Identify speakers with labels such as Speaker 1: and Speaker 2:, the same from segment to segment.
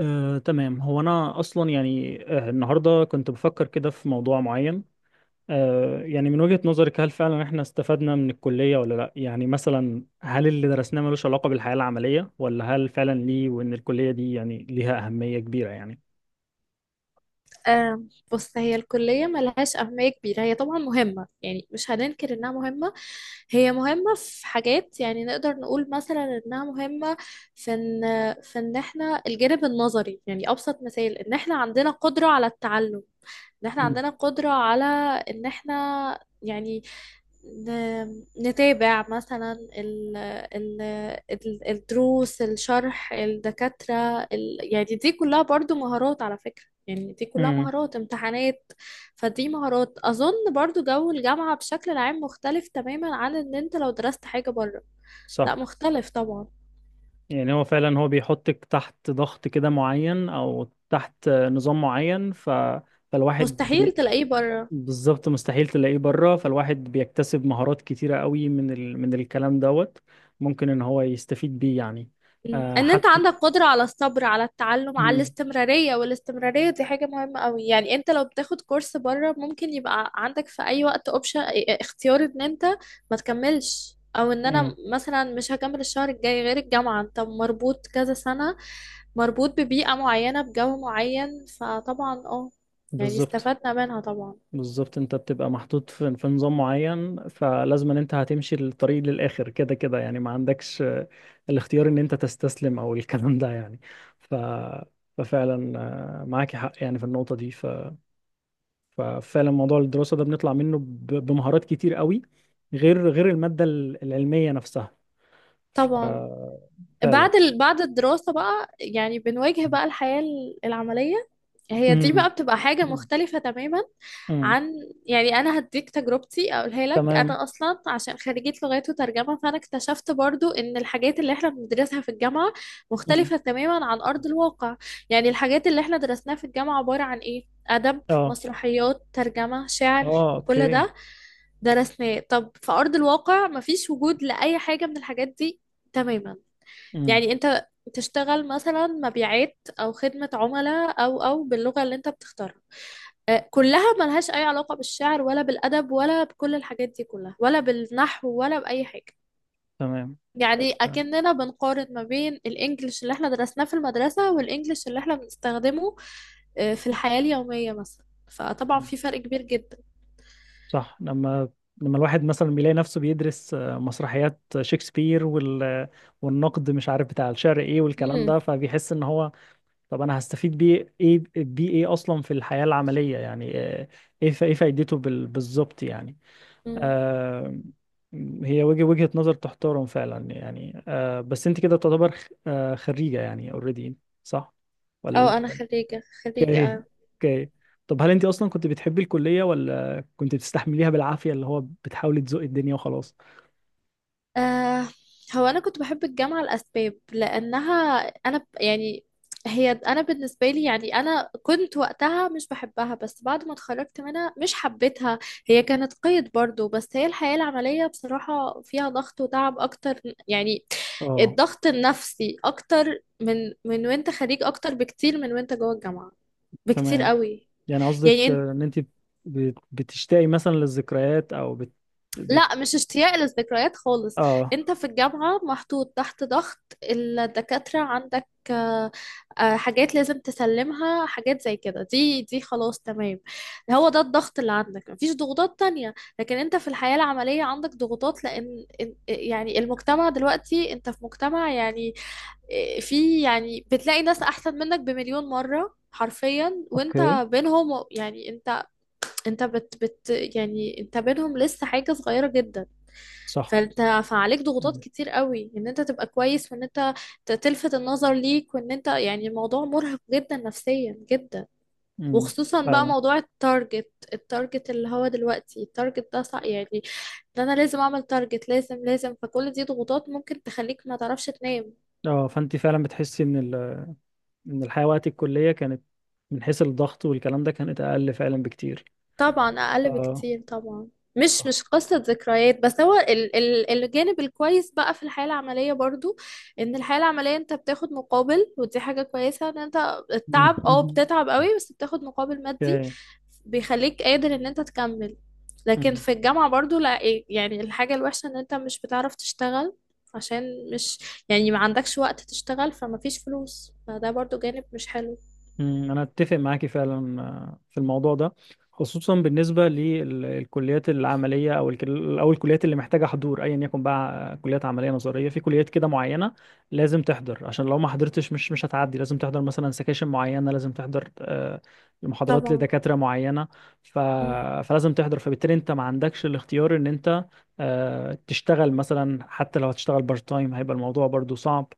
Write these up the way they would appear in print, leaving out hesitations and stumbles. Speaker 1: تمام، هو انا اصلا يعني النهارده كنت بفكر كده في موضوع معين. يعني من وجهة نظرك، هل فعلا احنا استفدنا من الكلية ولا لا؟ يعني مثلا هل اللي درسناه ملوش علاقة بالحياة العملية، ولا هل فعلا ليه، وان الكلية دي يعني ليها أهمية كبيرة يعني؟
Speaker 2: آه، بص هي الكلية ملهاش أهمية كبيرة. هي طبعا مهمة، يعني مش هننكر إنها مهمة. هي مهمة في حاجات، يعني نقدر نقول مثلا إنها مهمة في إن إحنا الجانب النظري. يعني أبسط مثال إن إحنا عندنا قدرة على التعلم، إن إحنا
Speaker 1: مم.
Speaker 2: عندنا قدرة على، إن إحنا يعني نتابع مثلا الدروس، الشرح، الدكاترة يعني دي كلها برضو مهارات، على فكرة. يعني دي كلها
Speaker 1: امم.
Speaker 2: مهارات امتحانات. فدي مهارات، أظن برضو جو الجامعة بشكل عام مختلف تماما عن ان انت لو درست حاجة بره. لا
Speaker 1: صح.
Speaker 2: مختلف طبعا.
Speaker 1: يعني هو فعلا هو بيحطك تحت ضغط كده معين، او تحت نظام معين. فالواحد
Speaker 2: مستحيل تلاقيه بره.
Speaker 1: بالظبط مستحيل تلاقيه بره. فالواحد بيكتسب مهارات كتيرة قوي من الكلام دوت. ممكن ان هو يستفيد بيه يعني.
Speaker 2: مم. ان انت
Speaker 1: حتى.
Speaker 2: عندك قدرة على الصبر، على التعلم، على
Speaker 1: مم.
Speaker 2: الاستمرارية، والاستمرارية دي حاجة مهمة قوي. يعني انت لو بتاخد كورس بره ممكن يبقى عندك في اي وقت اوبشن، اختيار ان انت ما تكملش، او ان
Speaker 1: مم.
Speaker 2: انا مثلا مش هكمل الشهر الجاي. غير الجامعة، انت مربوط كذا سنة، مربوط ببيئة معينة بجو معين، فطبعا يعني
Speaker 1: بالظبط.
Speaker 2: استفدنا منها طبعا.
Speaker 1: بالظبط. انت بتبقى محطوط في نظام معين، فلازم ان انت هتمشي الطريق للآخر، كده كده يعني. ما عندكش الاختيار ان انت تستسلم، او الكلام ده يعني. ف... ففعلا. معاكي حق يعني في النقطة دي. ففعلا موضوع الدراسة ده بنطلع منه بمهارات كتير قوي، غير المادة العلمية نفسها. ف-
Speaker 2: طبعا
Speaker 1: فعلا.
Speaker 2: بعد بعد الدراسة بقى يعني بنواجه بقى الحياة العملية. هي دي
Speaker 1: امم.
Speaker 2: بقى بتبقى حاجة مختلفة تماما
Speaker 1: امم.
Speaker 2: عن، يعني أنا هديك تجربتي أقولها لك.
Speaker 1: تمام.
Speaker 2: أنا أصلا عشان خريجة لغات وترجمة، فأنا اكتشفت برضو إن الحاجات اللي إحنا بندرسها في الجامعة
Speaker 1: امم.
Speaker 2: مختلفة تماما عن أرض الواقع. يعني الحاجات اللي إحنا درسناها في الجامعة عبارة عن إيه؟ أدب،
Speaker 1: اه.
Speaker 2: مسرحيات، ترجمة، شعر.
Speaker 1: اه.
Speaker 2: كل
Speaker 1: اوكي.
Speaker 2: ده درسناه. طب في أرض الواقع مفيش وجود لأي حاجة من الحاجات دي تماما.
Speaker 1: امم.
Speaker 2: يعني انت تشتغل مثلا مبيعات او خدمة عملاء او باللغة اللي انت بتختارها. كلها ملهاش اي علاقة بالشعر ولا بالادب ولا بكل الحاجات دي كلها، ولا بالنحو، ولا باي حاجة.
Speaker 1: تمام.
Speaker 2: يعني اكننا بنقارن ما بين الانجليش اللي احنا درسناه في المدرسة، والانجليش اللي احنا بنستخدمه في الحياة اليومية مثلا. فطبعا
Speaker 1: مم.
Speaker 2: في فرق كبير جدا.
Speaker 1: صح. لما الواحد مثلا بيلاقي نفسه بيدرس مسرحيات شكسبير، والنقد، مش عارف بتاع الشعر ايه والكلام ده،
Speaker 2: امم
Speaker 1: فبيحس ان هو طب انا هستفيد بيه ايه اصلا في الحياة العملية يعني، ايه فايدته بالظبط يعني.
Speaker 2: أمم.
Speaker 1: آه، هي وجهة نظر تحترم فعلا يعني. بس انت كده تعتبر خريجة يعني اوريدي؟ صح. ولا
Speaker 2: اه انا
Speaker 1: لسه؟
Speaker 2: خريجة،
Speaker 1: اوكي.
Speaker 2: خريجة.
Speaker 1: اوكي. طب هل انت اصلا كنت بتحبي الكلية، ولا كنت بتستحمليها بالعافية، اللي هو بتحاولي تزوقي الدنيا وخلاص؟
Speaker 2: آه هو أنا كنت بحب الجامعة لأسباب، لأنها، يعني هي، أنا بالنسبة لي، يعني أنا كنت وقتها مش بحبها، بس بعد ما اتخرجت منها مش حبيتها. هي كانت قيد برضو، بس هي الحياة العملية بصراحة فيها ضغط وتعب أكتر، يعني
Speaker 1: اه.
Speaker 2: الضغط النفسي أكتر من وأنت خريج، أكتر بكتير من وأنت جوه الجامعة، بكتير
Speaker 1: تمام.
Speaker 2: قوي.
Speaker 1: يعني قصدك
Speaker 2: يعني
Speaker 1: ان انت بتشتاقي مثلا للذكريات، او بت...
Speaker 2: لا، مش اشتياق للذكريات خالص.
Speaker 1: اه.
Speaker 2: انت في الجامعة محطوط تحت ضغط، الدكاترة عندك، حاجات لازم تسلمها، حاجات زي كده، دي خلاص، تمام. هو ده الضغط اللي عندك، مفيش ضغوطات تانية. لكن انت في الحياة العملية عندك ضغوطات، لان يعني المجتمع دلوقتي انت في مجتمع يعني، في، يعني بتلاقي ناس احسن منك بمليون مرة حرفيا، وانت
Speaker 1: اوكي.
Speaker 2: بينهم. يعني انت، انت بت بت يعني انت بينهم لسه حاجة صغيرة جدا.
Speaker 1: صح.
Speaker 2: فانت فعليك ضغوطات
Speaker 1: مم.
Speaker 2: كتير قوي ان انت تبقى كويس، وان انت تلفت النظر ليك، وان انت، يعني الموضوع مرهق جدا، نفسيا جدا.
Speaker 1: مم.
Speaker 2: وخصوصا بقى
Speaker 1: فعلا.
Speaker 2: موضوع التارجت. التارجت اللي هو دلوقتي التارجت ده يعني ده انا لازم اعمل تارجت، لازم لازم. فكل دي ضغوطات ممكن تخليك ما تعرفش تنام.
Speaker 1: اه، فانت فعلا بتحسي ان الحياه وقت الكليه كانت، من حيث الضغط والكلام ده، كانت اقل فعلا بكتير.
Speaker 2: طبعا اقل
Speaker 1: اه.
Speaker 2: بكتير، طبعا. مش
Speaker 1: صح.
Speaker 2: مش قصة ذكريات، بس هو ال ال الجانب الكويس بقى في الحياة العملية برضو ان الحياة العملية انت بتاخد مقابل. ودي حاجة كويسة، ان انت
Speaker 1: مم.
Speaker 2: التعب، اه بتتعب قوي بس بتاخد مقابل مادي،
Speaker 1: اوكي.
Speaker 2: بيخليك قادر ان انت تكمل. لكن في الجامعة برضو لا يعني الحاجة الوحشة ان انت مش بتعرف تشتغل، عشان مش يعني ما عندكش وقت تشتغل، فما فيش فلوس، فده برضو جانب مش حلو.
Speaker 1: مم، أنا أتفق معاكي فعلا في الموضوع ده. خصوصا بالنسبة للكليات العملية، أو الكليات اللي محتاجة حضور، أيا يكن بقى. كليات عملية نظرية، في كليات كده معينة. لازم تحضر، عشان لو ما حضرتش مش هتعدي. لازم تحضر مثلا سكاشن معينة، لازم تحضر محاضرات
Speaker 2: طبعا
Speaker 1: لدكاترة معينة. ف... فلازم تحضر، فبالتالي أنت ما عندكش الاختيار إن أنت تشتغل مثلا. حتى لو هتشتغل بارت تايم هيبقى الموضوع برضو صعب.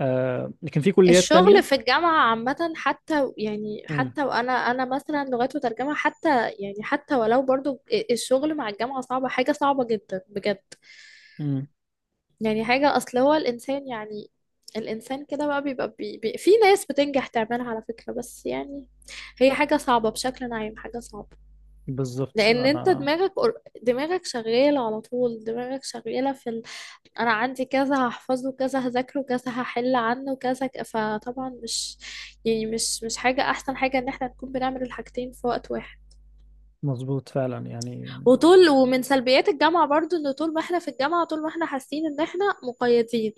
Speaker 1: لكن في كليات
Speaker 2: الشغل
Speaker 1: تانية.
Speaker 2: في الجامعة عامة، حتى يعني،
Speaker 1: مم.
Speaker 2: حتى وأنا، أنا مثلا لغات وترجمة، حتى يعني حتى ولو برضو الشغل مع الجامعة صعبة، حاجة صعبة جدا بجد.
Speaker 1: مم.
Speaker 2: يعني حاجة، أصل هو الإنسان يعني، الإنسان كده بقى بيبقى بي بي في ناس بتنجح تعملها على فكرة، بس يعني هي حاجة صعبة بشكل عام، حاجة صعبة.
Speaker 1: بالظبط.
Speaker 2: لان انت
Speaker 1: انا
Speaker 2: دماغك، دماغك شغاله على طول. دماغك شغاله في انا عندي كذا، هحفظه كذا، هذاكره كذا، هحل عنه كذا، فطبعا مش يعني مش مش حاجه احسن حاجه ان احنا نكون بنعمل الحاجتين في وقت واحد.
Speaker 1: مظبوط فعلا يعني.
Speaker 2: وطول، ومن سلبيات الجامعه برضو ان طول ما احنا في الجامعه، طول ما احنا حاسين ان احنا مقيدين.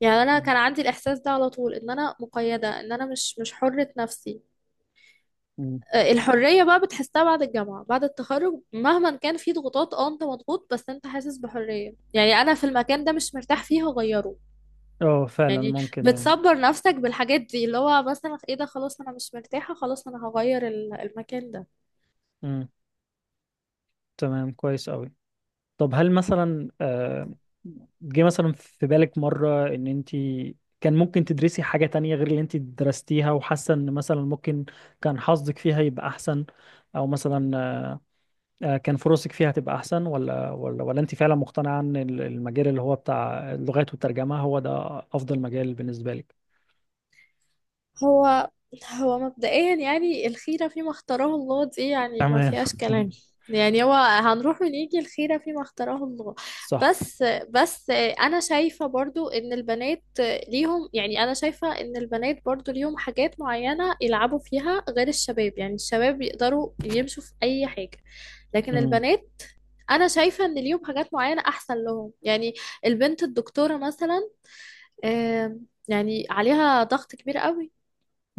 Speaker 2: يعني انا
Speaker 1: مم.
Speaker 2: كان عندي الاحساس ده على طول، ان انا مقيده، ان انا مش مش حره نفسي.
Speaker 1: مم.
Speaker 2: الحرية بقى بتحسها بعد الجامعة، بعد التخرج. مهما كان في ضغوطات، اه انت مضغوط بس انت حاسس بحرية، يعني انا في المكان ده مش مرتاح فيه هغيره.
Speaker 1: اه، فعلا
Speaker 2: يعني
Speaker 1: ممكن يعني.
Speaker 2: بتصبر نفسك بالحاجات دي، اللي هو مثلا ايه ده، خلاص انا مش مرتاحة، خلاص انا هغير المكان ده.
Speaker 1: مم. تمام. كويس قوي. طب هل مثلا جه مثلا في بالك مرة ان انت كان ممكن تدرسي حاجة تانية، غير اللي انت درستيها، وحاسة ان مثلا ممكن كان حظك فيها يبقى احسن؟ او مثلا كان فرصك فيها تبقى احسن؟ ولا انت فعلا مقتنعة ان المجال اللي هو بتاع اللغات والترجمة هو ده افضل مجال بالنسبة لك؟
Speaker 2: هو مبدئيا يعني الخيرة فيما اختاره الله، دي يعني ما
Speaker 1: تمام.
Speaker 2: فيهاش كلام. يعني هو هنروح ونيجي الخيرة فيما اختاره الله.
Speaker 1: صح.
Speaker 2: بس بس أنا شايفة برضو إن البنات ليهم، يعني أنا شايفة إن البنات برضو ليهم حاجات معينة يلعبوا فيها غير الشباب. يعني الشباب يقدروا يمشوا في أي حاجة، لكن البنات، أنا شايفة إن ليهم حاجات معينة أحسن لهم. يعني البنت الدكتورة مثلا، يعني عليها ضغط كبير قوي.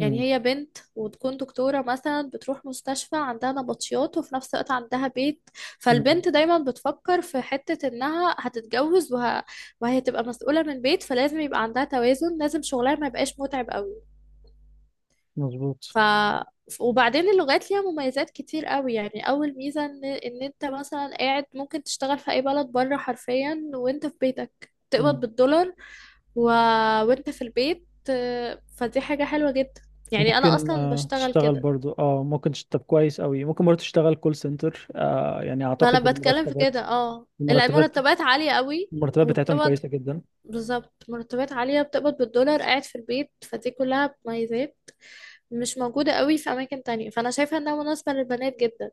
Speaker 2: يعني هي بنت وتكون دكتورة مثلا، بتروح مستشفى عندها نبطيات، وفي نفس الوقت عندها بيت.
Speaker 1: مم.
Speaker 2: فالبنت دايما بتفكر في حتة انها هتتجوز، وهي تبقى مسؤولة من بيت، فلازم يبقى عندها توازن، لازم شغلها ما يبقاش متعب قوي.
Speaker 1: مظبوط.
Speaker 2: ف، وبعدين اللغات ليها مميزات كتير قوي. يعني اول ميزة ان انت مثلا قاعد ممكن تشتغل في اي بلد بره، حرفيا وانت في بيتك تقبض
Speaker 1: مم.
Speaker 2: بالدولار، و... وانت في البيت. فدي حاجة حلوة جدا، يعني انا
Speaker 1: ممكن
Speaker 2: اصلا بشتغل
Speaker 1: تشتغل
Speaker 2: كده.
Speaker 1: برضو. اه، ممكن تشتغل كويس قوي. ممكن برضو تشتغل كول سنتر. يعني
Speaker 2: ما انا
Speaker 1: اعتقد
Speaker 2: بتكلم في كده، اه
Speaker 1: المرتبات
Speaker 2: المرتبات عالية قوي.
Speaker 1: المرتبات بتاعتهم
Speaker 2: وبتقبض،
Speaker 1: كويسة جدا.
Speaker 2: بالظبط مرتبات عالية، بتقبض بالدولار قاعد في البيت، فدي كلها مميزات مش موجودة قوي في أماكن تانية، فأنا شايفة إنها مناسبة للبنات جدا.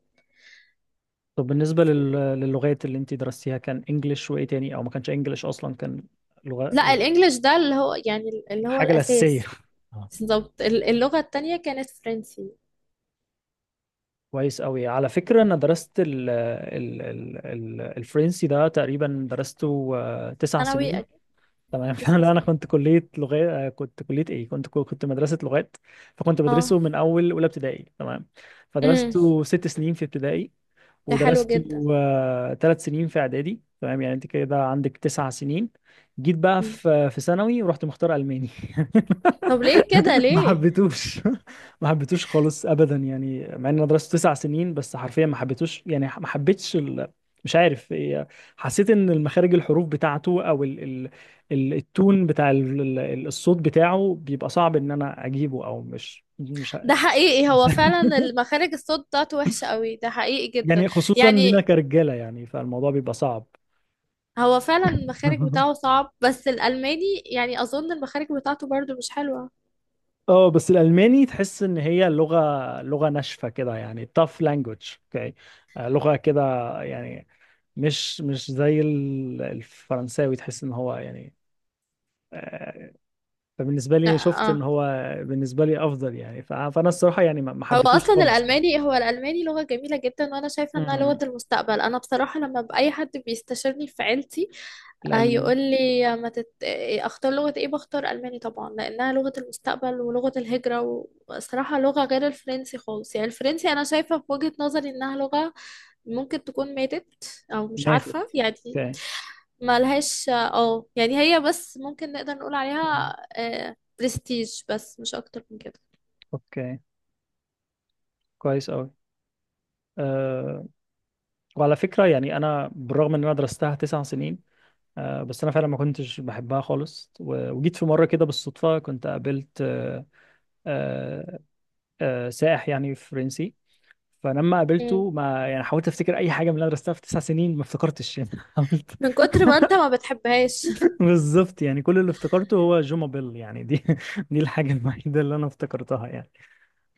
Speaker 1: طب بالنسبة للغات اللي انت درستيها، كان انجلش وايه تاني؟ او ما كانش انجلش اصلا، كان لغة
Speaker 2: لا
Speaker 1: لغة-
Speaker 2: الإنجليش ده اللي هو، يعني اللي هو
Speaker 1: الحاجة الأساسية.
Speaker 2: الأساس.
Speaker 1: آه.
Speaker 2: بالظبط. اللغة التانية كانت فرنسي.
Speaker 1: كويس قوي. على فكرة، انا درست الفرنسي ده، تقريبا درسته تسع
Speaker 2: ثانوي
Speaker 1: سنين
Speaker 2: أكيد.
Speaker 1: تمام.
Speaker 2: لسه
Speaker 1: فانا
Speaker 2: ثانوي.
Speaker 1: كنت كليه لغات، كنت كليه ايه، كنت مدرسه لغات. فكنت بدرسه
Speaker 2: اه.
Speaker 1: من اول اولى ابتدائي. تمام.
Speaker 2: امم.
Speaker 1: فدرسته 6 سنين في ابتدائي.
Speaker 2: ده حلو جدا.
Speaker 1: ودرسته 3 سنين في اعدادي. تمام، يعني انت كده عندك 9 سنين. جيت بقى
Speaker 2: مم.
Speaker 1: في ثانوي ورحت مختار الماني.
Speaker 2: طب ليه كده،
Speaker 1: ما
Speaker 2: ليه؟
Speaker 1: حبيتوش. ما حبيتوش خالص ابدا يعني، مع ان انا درست 9 سنين. بس حرفيا ما حبيتوش يعني، ما حبيتش ال... مش عارف إيه، حسيت ان المخارج الحروف بتاعته، او التون بتاع الصوت بتاعه بيبقى صعب ان انا اجيبه. او مش مش ه-
Speaker 2: ده حقيقي،
Speaker 1: مش
Speaker 2: هو
Speaker 1: ه-
Speaker 2: فعلا المخارج، الصوت بتاعته وحشة قوي، ده حقيقي جدا.
Speaker 1: يعني خصوصا لينا
Speaker 2: يعني
Speaker 1: كرجاله، يعني فالموضوع بيبقى صعب.
Speaker 2: هو فعلا المخارج بتاعه صعب، بس الألماني يعني أظن المخارج بتاعته برضو مش حلوة.
Speaker 1: اه، بس الالماني تحس ان هي لغه ناشفه كده يعني، tough language. اوكي، لغه كده يعني. مش زي الفرنساوي، تحس ان هو يعني آه، فبالنسبه
Speaker 2: لا.
Speaker 1: لي شفت ان
Speaker 2: اه.
Speaker 1: هو بالنسبه لي افضل يعني. فانا الصراحه يعني ما
Speaker 2: هو
Speaker 1: حبيتوش
Speaker 2: أصلا
Speaker 1: خالص.
Speaker 2: الألماني، هو الألماني لغة جميلة جدا، وأنا شايفة إنها لغة
Speaker 1: امم.
Speaker 2: المستقبل. أنا بصراحة لما بأي حد بيستشيرني في عيلتي،
Speaker 1: الالماني.
Speaker 2: يقول لي ما تت... أختار لغة إيه، بختار ألماني طبعا، لأنها لغة المستقبل ولغة الهجرة، وصراحة لغة غير الفرنسي خالص. يعني الفرنسي أنا شايفة في وجهة نظري إنها لغة ممكن تكون ماتت، أو مش
Speaker 1: ماتت.
Speaker 2: عارفة يعني.
Speaker 1: اوكي.
Speaker 2: ملهاش اه يعني، هي بس ممكن نقدر نقول
Speaker 1: مم.
Speaker 2: عليها آه برستيج، بس مش اكتر من كده.
Speaker 1: اوكي. كويس قوي. أه. وعلى فكره، يعني انا بالرغم ان انا درستها تسع سنين، أه بس انا فعلا ما كنتش بحبها خالص. وجيت في مره كده بالصدفه، كنت قابلت أه أه أه سائح يعني فرنسي. فلما
Speaker 2: مم.
Speaker 1: قابلته، ما يعني حاولت افتكر اي حاجه من اللي انا درستها في 9 سنين، ما افتكرتش يعني. حاولت.
Speaker 2: من كتر ما انت ما بتحبهاش.
Speaker 1: بالظبط، يعني كل اللي افتكرته هو جوما بيل يعني دي. دي الحاجه الوحيده اللي انا افتكرتها يعني.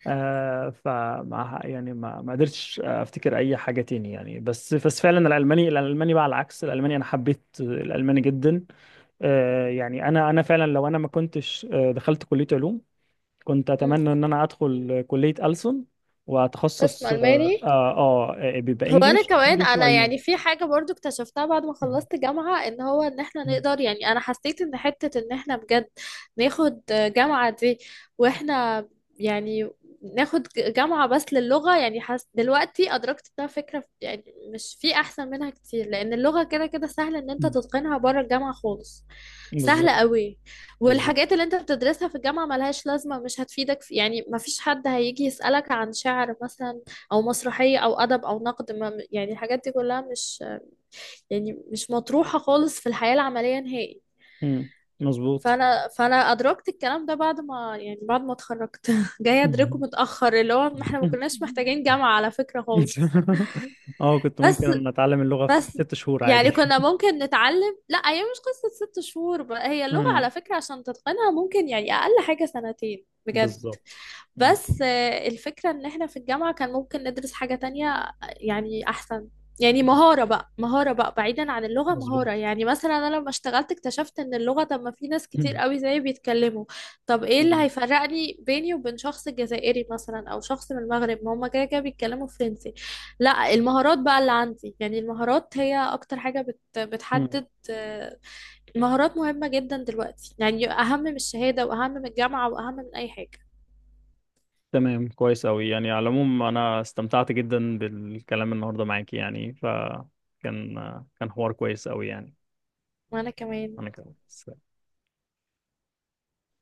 Speaker 1: فما يعني ما قدرتش افتكر اي حاجه تاني يعني، بس فعلا الالماني بقى، على العكس، الالماني انا حبيت الالماني جدا. يعني انا فعلا لو انا ما كنتش دخلت كليه علوم، كنت
Speaker 2: مم.
Speaker 1: اتمنى ان انا ادخل كليه ألسن،
Speaker 2: قسم
Speaker 1: واتخصص
Speaker 2: الماني.
Speaker 1: بيبقى
Speaker 2: هو انا
Speaker 1: انجلش
Speaker 2: كمان،
Speaker 1: انجلش
Speaker 2: انا
Speaker 1: والماني.
Speaker 2: يعني في حاجه برضو اكتشفتها بعد ما
Speaker 1: مهم.
Speaker 2: خلصت جامعه، ان هو ان احنا
Speaker 1: مهم.
Speaker 2: نقدر، يعني انا حسيت ان حته ان احنا بجد ناخد جامعه دي واحنا، يعني ناخد جامعه بس للغه، يعني حس دلوقتي ادركت انها فكره، يعني مش في احسن منها كتير، لان اللغه كده كده سهل ان انت
Speaker 1: مهم.
Speaker 2: تتقنها بره الجامعه خالص. سهلة
Speaker 1: بالظبط.
Speaker 2: قوي.
Speaker 1: بالظبط.
Speaker 2: والحاجات اللي انت بتدرسها في الجامعة ملهاش لازمة، مش هتفيدك في، يعني مفيش حد هيجي يسألك عن شعر مثلا، او مسرحيه، او ادب، او نقد. ما يعني الحاجات دي كلها مش، يعني مش مطروحه خالص في الحياه العمليه نهائي.
Speaker 1: مم. مظبوط.
Speaker 2: فانا ادركت الكلام ده بعد ما، يعني بعد ما اتخرجت جايه ادركه
Speaker 1: مهم.
Speaker 2: متاخر، اللي هو ما احنا ما
Speaker 1: مهم.
Speaker 2: كناش محتاجين جامعه على فكره خالص.
Speaker 1: اه، كنت ممكن
Speaker 2: بس
Speaker 1: ان اتعلم اللغه في
Speaker 2: بس
Speaker 1: 6 شهور عادي.
Speaker 2: يعني كنا ممكن نتعلم، لا هي مش قصه 6 شهور بقى، هي اللغه
Speaker 1: مم.
Speaker 2: على فكره عشان تتقنها ممكن يعني اقل حاجه سنتين بجد.
Speaker 1: بالظبط. مم.
Speaker 2: بس الفكرة ان احنا في الجامعة كان ممكن ندرس حاجة تانية. يعني احسن، يعني مهارة بقى، مهارة بقى بعيدا عن اللغة، مهارة.
Speaker 1: مظبوط.
Speaker 2: يعني مثلا انا لما اشتغلت اكتشفت ان اللغة، طب ما في ناس كتير
Speaker 1: مم.
Speaker 2: قوي زيي بيتكلموا. طب ايه اللي هيفرقني بيني وبين شخص جزائري مثلا، او شخص من المغرب، ما هما كده كده بيتكلموا فرنسي. لا المهارات بقى اللي عندي. يعني المهارات هي اكتر حاجة
Speaker 1: مم.
Speaker 2: بتحدد، المهارات مهمة جدا دلوقتي، يعني اهم من الشهادة واهم من الجامعة واهم من اي حاجة.
Speaker 1: تمام، كويس أوي يعني. على العموم أنا استمتعت جدا بالكلام النهاردة معاكي يعني، فكان حوار كويس أوي يعني.
Speaker 2: وانا كمان.
Speaker 1: أنا كمان.